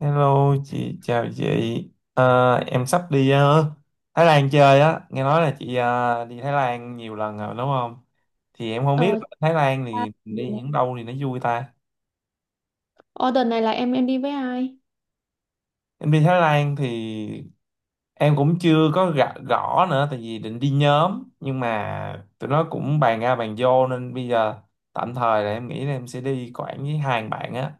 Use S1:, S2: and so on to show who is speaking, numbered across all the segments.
S1: Hello chị, chào chị. Em sắp đi Thái Lan chơi á. Nghe nói là chị đi Thái Lan nhiều lần rồi đúng không? Thì em không biết
S2: Ờ.
S1: là Thái Lan
S2: À.
S1: thì mình đi những đâu thì nó vui ta.
S2: Ờ, này là em đi với ai?
S1: Em đi Thái Lan thì em cũng chưa có gõ nữa, tại vì định đi nhóm nhưng mà tụi nó cũng bàn ra bàn vô nên bây giờ tạm thời là em nghĩ là em sẽ đi Quảng với hai bạn á.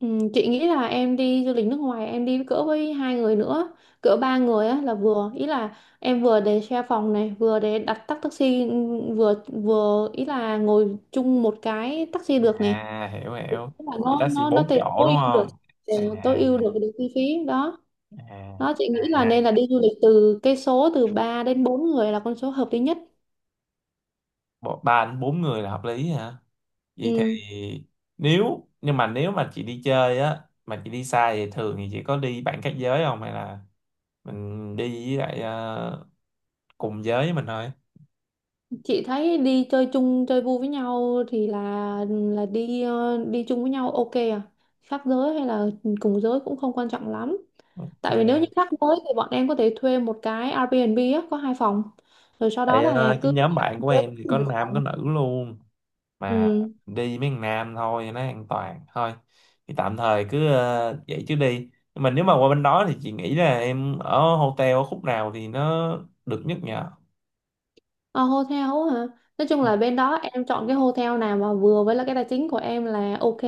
S2: Ừ, chị nghĩ là em đi du lịch nước ngoài em đi cỡ với hai người nữa, cỡ ba người á là vừa, ý là em vừa để share phòng này, vừa để đặt tắc taxi, vừa vừa ý là ngồi chung một cái taxi được này.
S1: À, hiểu hiểu.
S2: Tức là
S1: Thì
S2: nó
S1: taxi
S2: nó nó
S1: bốn chỗ đúng không?
S2: ờ,
S1: À,
S2: tối ưu
S1: à.
S2: được được chi phí đó.
S1: À.
S2: Đó chị nghĩ là
S1: À.
S2: nên là đi du lịch từ cái số từ 3 đến 4 người là con số hợp lý nhất.
S1: Ba đến bốn người là hợp lý hả? Vậy thì
S2: Ừ,
S1: nếu mà chị đi chơi á mà chị đi xa thì thường thì chị có đi bạn khác giới không hay là mình đi với lại cùng giới với mình thôi?
S2: chị thấy đi chơi chung chơi vui với nhau thì là đi chung với nhau ok à, khác giới hay là cùng giới cũng không quan trọng lắm. Tại vì nếu như
S1: Ok.
S2: khác giới thì bọn em có thể thuê một cái Airbnb á, có hai phòng rồi sau đó
S1: Tại
S2: là
S1: cái
S2: cứ
S1: nhóm bạn của em thì
S2: cùng
S1: có
S2: một
S1: nam có
S2: phòng.
S1: nữ luôn, mà
S2: Ừ.
S1: đi mấy thằng nam thôi cho nó an toàn thôi. Thì tạm thời cứ vậy chứ đi, nhưng mà nếu mà qua bên đó thì chị nghĩ là em ở hotel ở khúc nào thì nó được nhất nhờ?
S2: Ờ, hotel hả? Nói chung là bên đó em chọn cái hotel nào mà vừa với là cái tài chính của em là ok.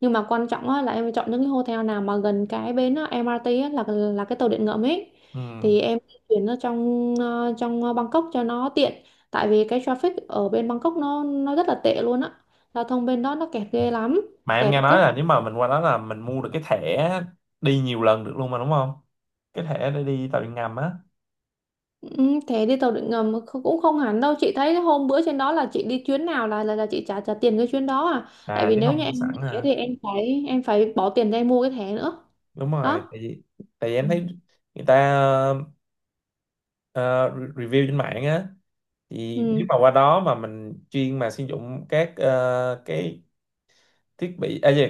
S2: Nhưng mà quan trọng á, là em phải chọn những cái hotel nào mà gần cái bến á, MRT á, là cái tàu điện ngầm ấy.
S1: Ừ.
S2: Thì em di chuyển nó trong Bangkok cho nó tiện. Tại vì cái traffic ở bên Bangkok nó rất là tệ luôn á. Giao thông bên đó nó kẹt ghê lắm,
S1: Mà em
S2: kẹt
S1: nghe
S2: gấp.
S1: nói là nếu mà mình qua đó là mình mua được cái thẻ đi nhiều lần được luôn mà đúng không, cái thẻ để đi tàu điện ngầm á?
S2: Ừ, thế đi tàu điện ngầm cũng không hẳn đâu, chị thấy cái hôm bữa trên đó là chị đi chuyến nào là chị trả trả tiền cái chuyến đó à. Tại
S1: À
S2: vì
S1: chứ
S2: nếu
S1: không
S2: như
S1: mua
S2: em
S1: sẵn
S2: như thế
S1: à?
S2: thì em phải bỏ tiền ra em mua cái thẻ nữa.
S1: Đúng rồi,
S2: Đó.
S1: tại vì
S2: Ừ.
S1: em thấy người ta ờ, review trên mạng á, thì nếu
S2: Ừ.
S1: mà qua đó mà mình chuyên mà sử dụng các cái thiết bị gì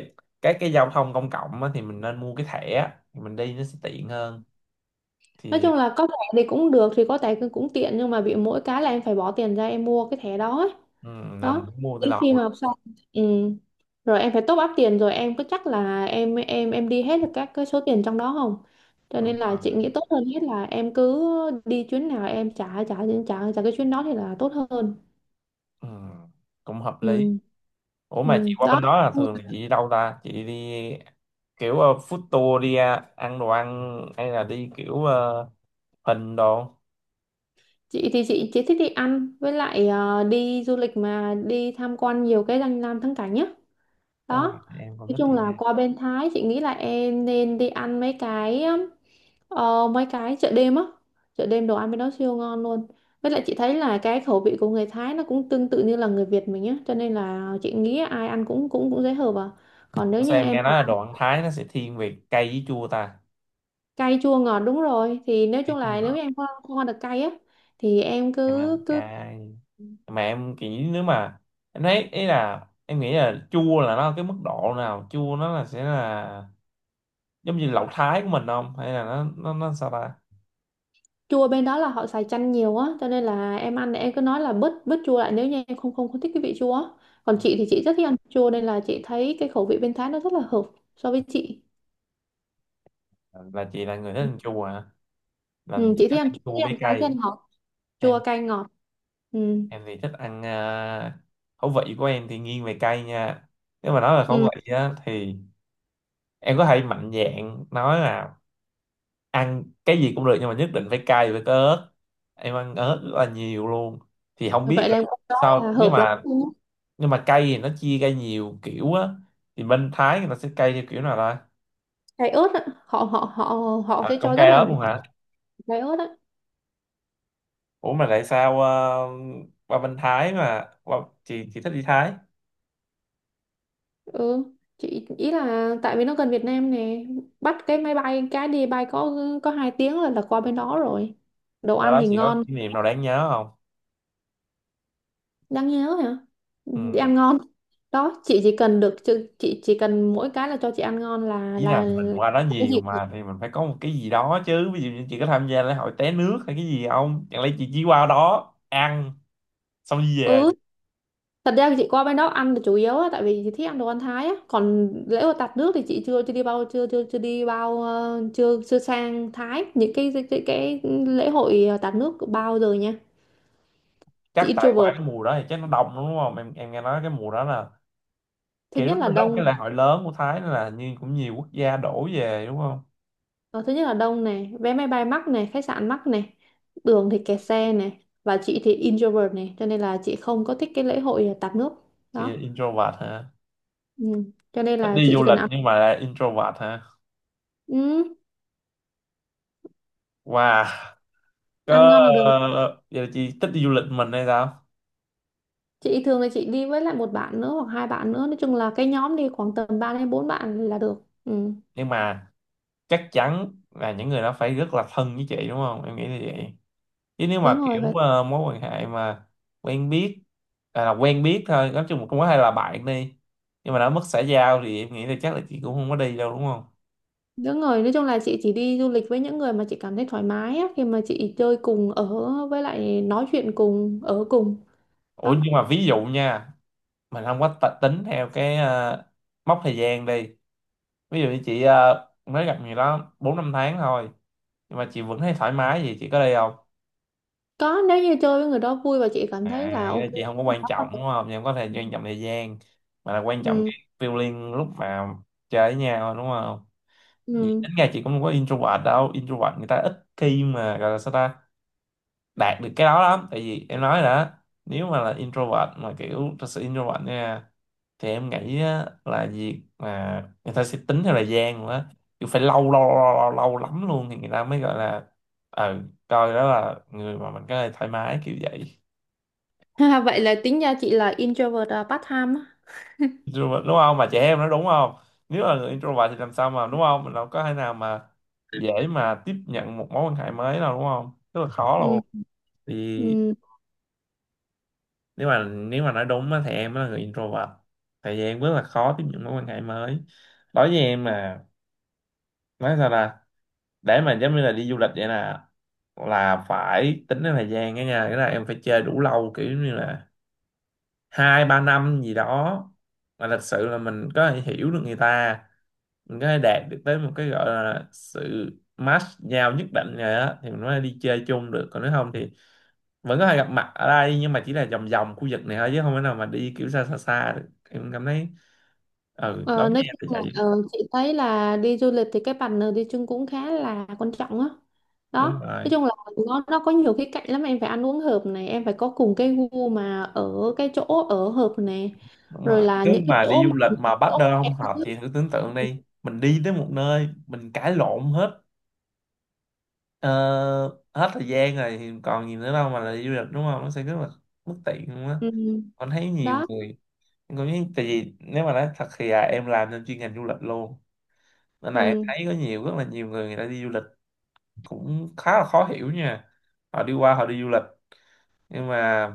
S1: các cái giao thông công cộng á, thì mình nên mua cái thẻ thì mình đi nó sẽ tiện hơn
S2: Nói
S1: thì.
S2: chung là có thẻ thì cũng được, thì có thẻ cũng cũng tiện nhưng mà bị mỗi cái là em phải bỏ tiền ra em mua cái thẻ đó ấy.
S1: Ừ, là mình
S2: Đó,
S1: cũng mua từ
S2: đến
S1: đầu
S2: khi
S1: luôn.
S2: mà học xong. Ừ. Rồi em phải top up tiền rồi em có chắc là em đi hết được các cái số tiền trong đó không. Cho
S1: Đúng
S2: nên là chị
S1: rồi.
S2: nghĩ tốt hơn hết là em cứ đi chuyến nào em trả trả trả trả cái chuyến đó thì là tốt hơn.
S1: Ừ, cũng hợp lý.
S2: Ừ.
S1: Ủa mà chị
S2: Ừ.
S1: qua
S2: Đó,
S1: bên đó là thường là chị đi đâu ta? Chị đi kiểu food tour đi à, ăn đồ ăn hay là đi kiểu hình đồ?
S2: chị thì chị chỉ thích đi ăn với lại đi du lịch mà đi tham quan nhiều cái danh lam thắng cảnh nhá.
S1: Đúng rồi,
S2: Đó,
S1: em cũng
S2: nói
S1: thích
S2: chung
S1: đi.
S2: là qua bên Thái chị nghĩ là em nên đi ăn mấy cái chợ đêm á. Chợ đêm đồ ăn bên đó siêu ngon luôn, với lại chị thấy là cái khẩu vị của người Thái nó cũng tương tự như là người Việt mình á, cho nên là chị nghĩ ai ăn cũng cũng cũng dễ hợp à. Còn nếu
S1: Ủa sao
S2: như
S1: em
S2: em
S1: nghe nói
S2: mà
S1: là đồ ăn Thái nó sẽ thiên về cay với chua ta?
S2: cay chua ngọt đúng rồi, thì nói
S1: Cay
S2: chung
S1: chua
S2: là nếu
S1: ngọt,
S2: như em không ăn được cay á, thì em
S1: em ăn
S2: cứ cứ
S1: cay. Mà em nghĩ nếu mà em thấy ý là em nghĩ là chua là nó ở cái mức độ nào? Chua nó là sẽ là giống như lẩu Thái của mình không? Hay là nó sao ta?
S2: chua bên đó là họ xài chanh nhiều á, cho nên là em ăn thì em cứ nói là bớt bớt chua lại nếu như em không không không thích cái vị chua á. Còn chị thì chị rất thích ăn chua nên là chị thấy cái khẩu vị bên Thái nó rất là hợp so với chị.
S1: Là chị là người thích ăn chua hả? Là
S2: Ừ,
S1: chị
S2: chị thích
S1: thích ăn
S2: ăn chua,
S1: chua
S2: thích
S1: với
S2: ăn cay, thích ăn
S1: cay.
S2: ngọt, chua cay ngọt. Ừ.
S1: Em thì thích ăn khẩu vị của em thì nghiêng về cay nha. Nếu mà nói về khẩu
S2: Ừ.
S1: vị á thì em có thể mạnh dạn nói là ăn cái gì cũng được, nhưng mà nhất định phải cay với cái ớt, em ăn ớt rất là nhiều luôn. Thì không biết
S2: Vậy
S1: là
S2: là đó là
S1: sao,
S2: hợp lắm luôn á.
S1: nhưng mà cay thì nó chia ra nhiều kiểu á, thì bên Thái người ta sẽ cay theo kiểu nào ta?
S2: Cay ớt á, họ họ họ họ
S1: À,
S2: sẽ
S1: cũng
S2: cho
S1: cay
S2: rất là
S1: ớt
S2: nhiều
S1: luôn hả?
S2: ớt, cay ớt á.
S1: Ủa mà tại sao qua bên Thái mà chị thích đi Thái?
S2: Ừ, chị ý là tại vì nó gần Việt Nam nè, bắt cái máy bay cái đi bay có 2 tiếng là qua bên đó rồi, đồ
S1: Qua
S2: ăn
S1: đó
S2: thì
S1: chị có
S2: ngon.
S1: kỷ niệm nào đáng nhớ không?
S2: Đáng nhớ hả?
S1: Ừ,
S2: Đi ăn ngon. Đó chị chỉ cần chị chỉ cần mỗi cái là cho chị ăn ngon là
S1: ý là
S2: là,
S1: mình
S2: là
S1: qua đó
S2: cái
S1: nhiều
S2: gì cũng được.
S1: mà thì mình phải có một cái gì đó chứ, ví dụ như chị có tham gia lễ hội té nước hay cái gì không, chẳng lẽ chị chỉ qua đó ăn xong đi về?
S2: Ừ, thật ra chị qua bên đó ăn là chủ yếu á, tại vì chị thích ăn đồ ăn Thái á, còn lễ hội tạt nước thì chị chưa chưa đi bao chưa chưa chưa đi bao ờ, chưa chưa sang Thái những cái lễ hội tạt nước bao giờ nha. Chị
S1: Chắc tại qua
S2: introvert,
S1: cái mùa đó thì chắc nó đông lắm, đúng không, em nghe nói cái mùa đó là
S2: thứ
S1: kiểu nó
S2: nhất là
S1: là
S2: đông.
S1: cái lễ hội lớn của Thái nên là như cũng nhiều quốc gia đổ về đúng không?
S2: Ờ, thứ nhất là đông này, vé máy bay mắc này, khách sạn mắc này, đường thì kẹt xe này, và chị thì introvert này, cho nên là chị không có thích cái lễ hội tạt nước.
S1: Chị là
S2: Đó.
S1: introvert hả?
S2: Ừ. Cho nên
S1: Thích
S2: là
S1: đi
S2: chị
S1: du
S2: chỉ cần
S1: lịch
S2: ăn,
S1: nhưng mà là introvert hả?
S2: ừ,
S1: Wow.
S2: ăn ngon là được.
S1: Có giờ chị thích đi du lịch mình hay sao?
S2: Chị thường là chị đi với lại một bạn nữa hoặc hai bạn nữa, nói chung là cái nhóm đi khoảng tầm 3 đến 4 bạn là được. Ừ.
S1: Nhưng mà chắc chắn là những người đó phải rất là thân với chị đúng không, em nghĩ như vậy. Chứ nếu
S2: Đúng
S1: mà
S2: rồi,
S1: kiểu
S2: vậy.
S1: mối quan hệ mà quen biết, à, là quen biết thôi, nói chung là cũng có hay là bạn đi nhưng mà đã mất xã giao thì em nghĩ là chắc là chị cũng không có đi đâu đúng không?
S2: Đúng rồi, nói chung là chị chỉ đi du lịch với những người mà chị cảm thấy thoải mái á, khi mà chị chơi cùng ở với lại nói chuyện cùng ở cùng.
S1: Ủa
S2: Đó.
S1: nhưng mà ví dụ nha, mình không có tính theo cái mốc thời gian đi, ví dụ như chị mới gặp người đó 4-5 tháng thôi nhưng mà chị vẫn thấy thoải mái gì, chị có đi không?
S2: Có, nếu như chơi với người đó vui và chị cảm thấy là
S1: À nghĩa là
S2: ok.
S1: chị không có quan
S2: Đó
S1: trọng đúng không, chị không có thể quan trọng thời gian mà là quan trọng
S2: ừ.
S1: cái feeling lúc mà chơi với nhau đúng không? Vì
S2: Ừ.
S1: tính ra chị cũng không có introvert đâu, introvert người ta ít khi mà gọi là sao ta, đạt được cái đó lắm, tại vì em nói rồi đó, nếu mà là introvert mà kiểu thật sự introvert nha thì em nghĩ á, là việc mà người ta sẽ tính theo thời gian nữa, kiểu phải lâu lâu lâu lâu, lâu lắm luôn thì người ta mới gọi là ờ coi đó là người mà mình có thể thoải mái kiểu vậy.
S2: Ha, vậy là tính ra chị là introvert à, part time á.
S1: Introvert đúng không mà chị, em nói đúng không? Nếu là người introvert thì làm sao mà, đúng không, mình đâu có thể nào mà dễ mà tiếp nhận một mối quan hệ mới nào đúng không, rất là khó
S2: Ừ.
S1: luôn. Thì
S2: Ừ.
S1: nếu mà nói đúng á, thì em là người introvert, tại vì em rất là khó tiếp nhận mối quan hệ mới. Đối với em mà nói sao là, để mà giống như là đi du lịch vậy nè, là phải tính đến thời gian đó nha, cái là em phải chơi đủ lâu, kiểu như là 2-3 năm gì đó, mà thật sự là mình có thể hiểu được người ta, mình có thể đạt được tới một cái gọi là sự match nhau nhất định rồi á thì mình mới đi chơi chung được, còn nếu không thì vẫn có thể gặp mặt ở đây nhưng mà chỉ là vòng vòng khu vực này thôi chứ không thể nào mà đi kiểu xa xa xa được em cảm thấy. Ừ đó
S2: Ờ, nói
S1: nha,
S2: chung
S1: là
S2: là
S1: vậy.
S2: chị thấy là đi du lịch thì cái partner đi chung cũng khá là quan trọng á.
S1: Đúng
S2: Đó. Nói
S1: rồi.
S2: chung là nó có nhiều khía cạnh lắm, em phải ăn uống hợp này, em phải có cùng cái gu mà ở cái chỗ ở hợp này.
S1: Đúng
S2: Rồi
S1: rồi,
S2: là
S1: nếu
S2: những cái
S1: mà đi
S2: chỗ
S1: du lịch
S2: mà
S1: mà partner
S2: em
S1: không hợp
S2: thích.
S1: thì thử tưởng tượng đi, mình đi tới một nơi mình cãi lộn hết ờ, hết thời gian rồi thì còn gì nữa đâu mà là đi du lịch đúng không, nó sẽ rất là bất tiện luôn á.
S2: Ừ.
S1: Con thấy nhiều
S2: Đó.
S1: người, tại vì nếu mà nói thật thì à, em làm trong chuyên ngành du lịch luôn, nên là em
S2: Ừ.
S1: thấy có nhiều rất là nhiều người người ta đi du lịch cũng khá là khó hiểu nha. Họ đi qua họ đi du lịch nhưng mà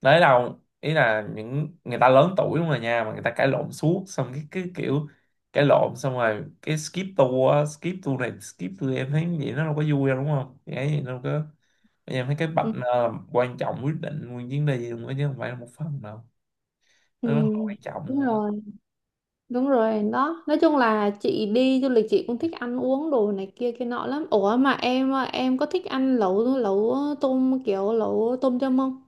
S1: đấy đâu, ý là những người ta lớn tuổi đúng rồi nha, mà người ta cãi lộn suốt, xong cái kiểu cãi lộn xong rồi cái skip tour á, skip tour em thấy vậy nó đâu có vui đâu đúng không, cái gì đâu có. Em thấy cái bạch
S2: Ừ.
S1: nơ là quan trọng quyết định nguyên chuyến đi luôn á chứ không phải là một phần đâu,
S2: Ừ.
S1: nó rất là quan trọng
S2: Đúng
S1: luôn á.
S2: rồi. Đúng rồi đó. Nói chung là chị đi du lịch chị cũng thích ăn uống đồ này kia kia nọ lắm. Ủa mà em em có thích ăn lẩu lẩu tôm kiểu lẩu tôm yum không?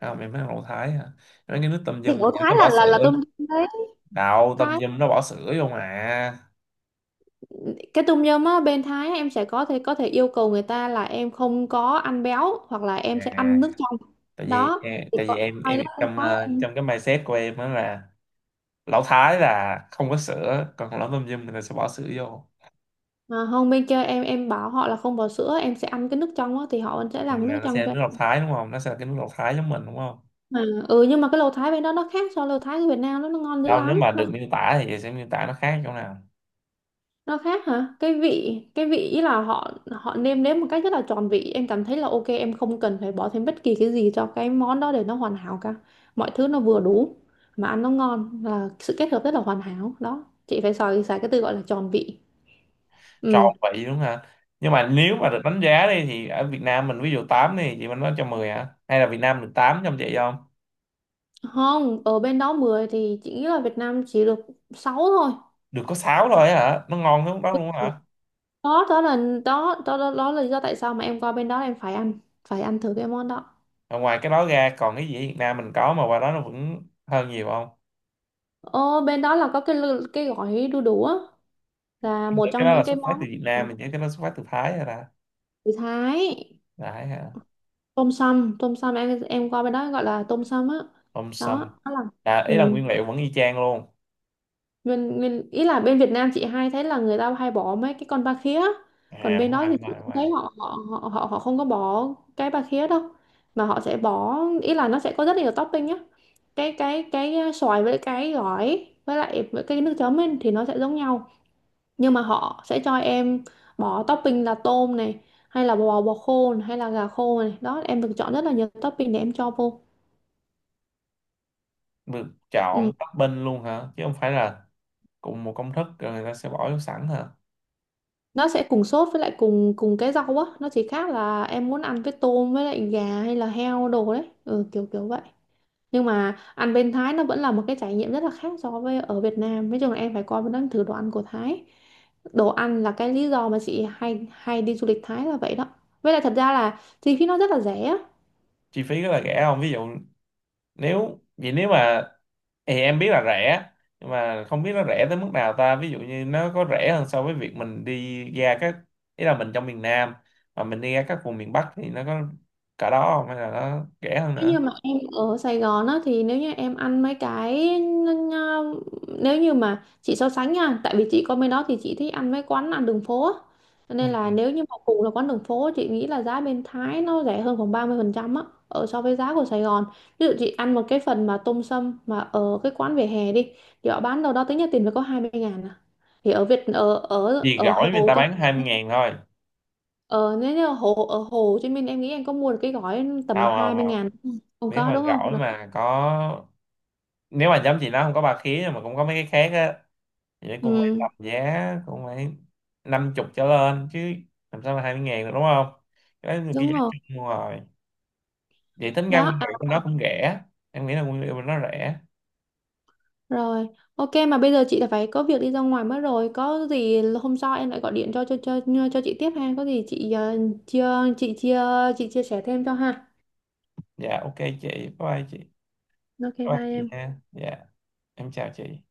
S1: Không em thấy là Thái hả, mấy cái nước tâm
S2: Thì
S1: dâm
S2: lẩu
S1: này nó
S2: Thái
S1: có
S2: là
S1: bỏ
S2: là là
S1: sữa,
S2: tôm yum đấy,
S1: đạo tâm
S2: Thái.
S1: dâm nó bỏ sữa vô mà.
S2: Cái tôm yum á bên Thái em sẽ có thể yêu cầu người ta là em không có ăn béo hoặc là em sẽ
S1: À,
S2: ăn nước trong.
S1: tại vì
S2: Đó
S1: em,
S2: thì
S1: tại vì
S2: còn
S1: em
S2: hay
S1: em
S2: lắm bên
S1: trong
S2: Thái em.
S1: trong cái mindset của em đó là lão Thái là không có sữa còn lão tôm dâm người ta sẽ bỏ sữa vô.
S2: À, không, bên kia em bảo họ là không bỏ sữa em sẽ ăn cái nước trong á thì họ sẽ
S1: Ừ,
S2: làm cái nước
S1: là nó sẽ
S2: trong
S1: là
S2: cho em.
S1: nước lọc Thái đúng không, nó sẽ là cái nước lọc Thái giống mình đúng không?
S2: À, ừ, nhưng mà cái lẩu Thái bên đó nó khác so với lẩu Thái của Việt Nam, nó ngon dữ
S1: Đâu nếu
S2: lắm
S1: mà
S2: nó.
S1: được miêu tả thì sẽ miêu tả nó khác chỗ nào?
S2: Nó khác hả? Cái vị ý là họ họ nêm nếm một cách rất là tròn vị, em cảm thấy là ok em không cần phải bỏ thêm bất kỳ cái gì cho cái món đó để nó hoàn hảo cả, mọi thứ nó vừa đủ mà ăn nó ngon, là sự kết hợp rất là hoàn hảo. Đó chị phải xài xài cái từ gọi là tròn vị.
S1: Tròn
S2: Ừ.
S1: vị đúng không hả? Nhưng mà nếu mà được đánh giá đi thì ở Việt Nam mình ví dụ 8 đi chị, mình nói cho 10 hả hay là Việt Nam được 8 trong vậy không?
S2: Không, ở bên đó 10 thì chị nghĩ là Việt Nam chỉ được 6 thôi.
S1: Được có 6 thôi hả, nó ngon hơn lúc đó luôn hả?
S2: Đó đó là đó đó đó, đó là lý do tại sao mà em qua bên đó em phải ăn thử cái món đó.
S1: Và ngoài cái đó ra còn cái gì Việt Nam mình có mà qua đó nó vẫn hơn nhiều không?
S2: Ồ, bên đó là có cái cái gói đu đủ á, là một
S1: Cái
S2: trong
S1: đó
S2: những
S1: là
S2: cái
S1: xuất phát
S2: món.
S1: từ Việt
S2: À,
S1: Nam mình nhớ, cái đó xuất phát từ Thái rồi ta?
S2: người Thái,
S1: Thái hả?
S2: tôm sâm tôm sâm, em qua bên đó gọi là tôm sâm á.
S1: Tôm sâm
S2: Đó đó là.
S1: là ý là
S2: Ừ.
S1: nguyên liệu vẫn y chang luôn?
S2: nguyên nguyên ý là bên Việt Nam chị hay thấy là người ta hay bỏ mấy cái con ba khía, còn
S1: À
S2: bên
S1: đúng
S2: đó
S1: rồi,
S2: thì
S1: đúng rồi,
S2: chị
S1: đúng
S2: cũng
S1: rồi.
S2: thấy họ họ họ họ họ không có bỏ cái ba khía đâu, mà họ sẽ bỏ, ý là nó sẽ có rất nhiều topping nhá. Xoài với cái gỏi với lại với cái nước chấm ấy, thì nó sẽ giống nhau, nhưng mà họ sẽ cho em bỏ topping là tôm này, hay là bò bò khô này, hay là gà khô này. Đó em được chọn rất là nhiều topping để em cho vô.
S1: Được
S2: Ừ.
S1: chọn topping luôn hả chứ không phải là cùng một công thức rồi người ta sẽ bỏ vô sẵn hả?
S2: Nó sẽ cùng sốt với lại cùng cùng cái rau á, nó chỉ khác là em muốn ăn với tôm với lại gà hay là heo đồ đấy, ừ, kiểu kiểu vậy. Nhưng mà ăn bên Thái nó vẫn là một cái trải nghiệm rất là khác so với ở Việt Nam, nói chung là em phải coi nó thử đồ ăn của Thái. Đồ ăn là cái lý do mà chị hay hay đi du lịch Thái là vậy đó, với lại thật ra là chi phí nó rất là rẻ.
S1: Chi phí rất là rẻ không, ví dụ nếu vậy, nếu mà thì em biết là rẻ, nhưng mà không biết nó rẻ tới mức nào ta, ví dụ như nó có rẻ hơn so với việc mình đi ra các, ý là mình trong miền Nam mà mình đi ra các vùng miền Bắc thì nó có cả đó không hay là nó rẻ hơn
S2: Nếu
S1: nữa?
S2: như mà em ở Sài Gòn á thì nếu như em ăn mấy cái nếu như mà chị so sánh nha, tại vì chị có bên đó thì chị thích ăn mấy quán ăn đường phố á. Cho
S1: Ừ.
S2: nên là nếu như mà cùng là quán đường phố chị nghĩ là giá bên Thái nó rẻ hơn khoảng 30% á, ở so với giá của Sài Gòn. Ví dụ chị ăn một cái phần mà tôm sâm mà ở cái quán vỉa hè đi, thì họ bán đâu đó tính ra tiền phải có 20.000 à. Thì ở Việt ở ở
S1: Vì
S2: ở
S1: gỏi người
S2: Hồ
S1: ta
S2: Chí
S1: bán hai mươi
S2: Minh
S1: ngàn thôi?
S2: ờ, Nếu như ở Hồ Chí Minh em nghĩ em có mua được cái gói tầm
S1: không
S2: hai
S1: không
S2: mươi
S1: không
S2: ngàn không? Không
S1: Nếu
S2: có
S1: mà
S2: đúng
S1: gỏi
S2: không?
S1: mà có, nếu mà giống chị nó không có ba khía mà cũng có mấy cái khác á thì cũng phải
S2: Ừ,
S1: tầm giá cũng phải 50 trở lên chứ, làm sao mà 20.000 được đúng không, cái đó là cái
S2: đúng
S1: giá
S2: rồi.
S1: chung rồi. Vậy tính ra
S2: Đó,
S1: nguyên
S2: à,
S1: liệu của nó cũng rẻ, em nghĩ là nguyên liệu của nó rẻ.
S2: rồi. Ok, mà bây giờ chị đã phải có việc đi ra ngoài mất rồi. Có gì hôm sau em lại gọi điện cho chị tiếp ha. Có gì chị ờ, chia chị chia chị chia sẻ thêm cho ha.
S1: Dạ ok, chị bye bye chị. Bye
S2: Ok,
S1: bye
S2: bye
S1: chị
S2: em.
S1: ha, dạ em chào chị.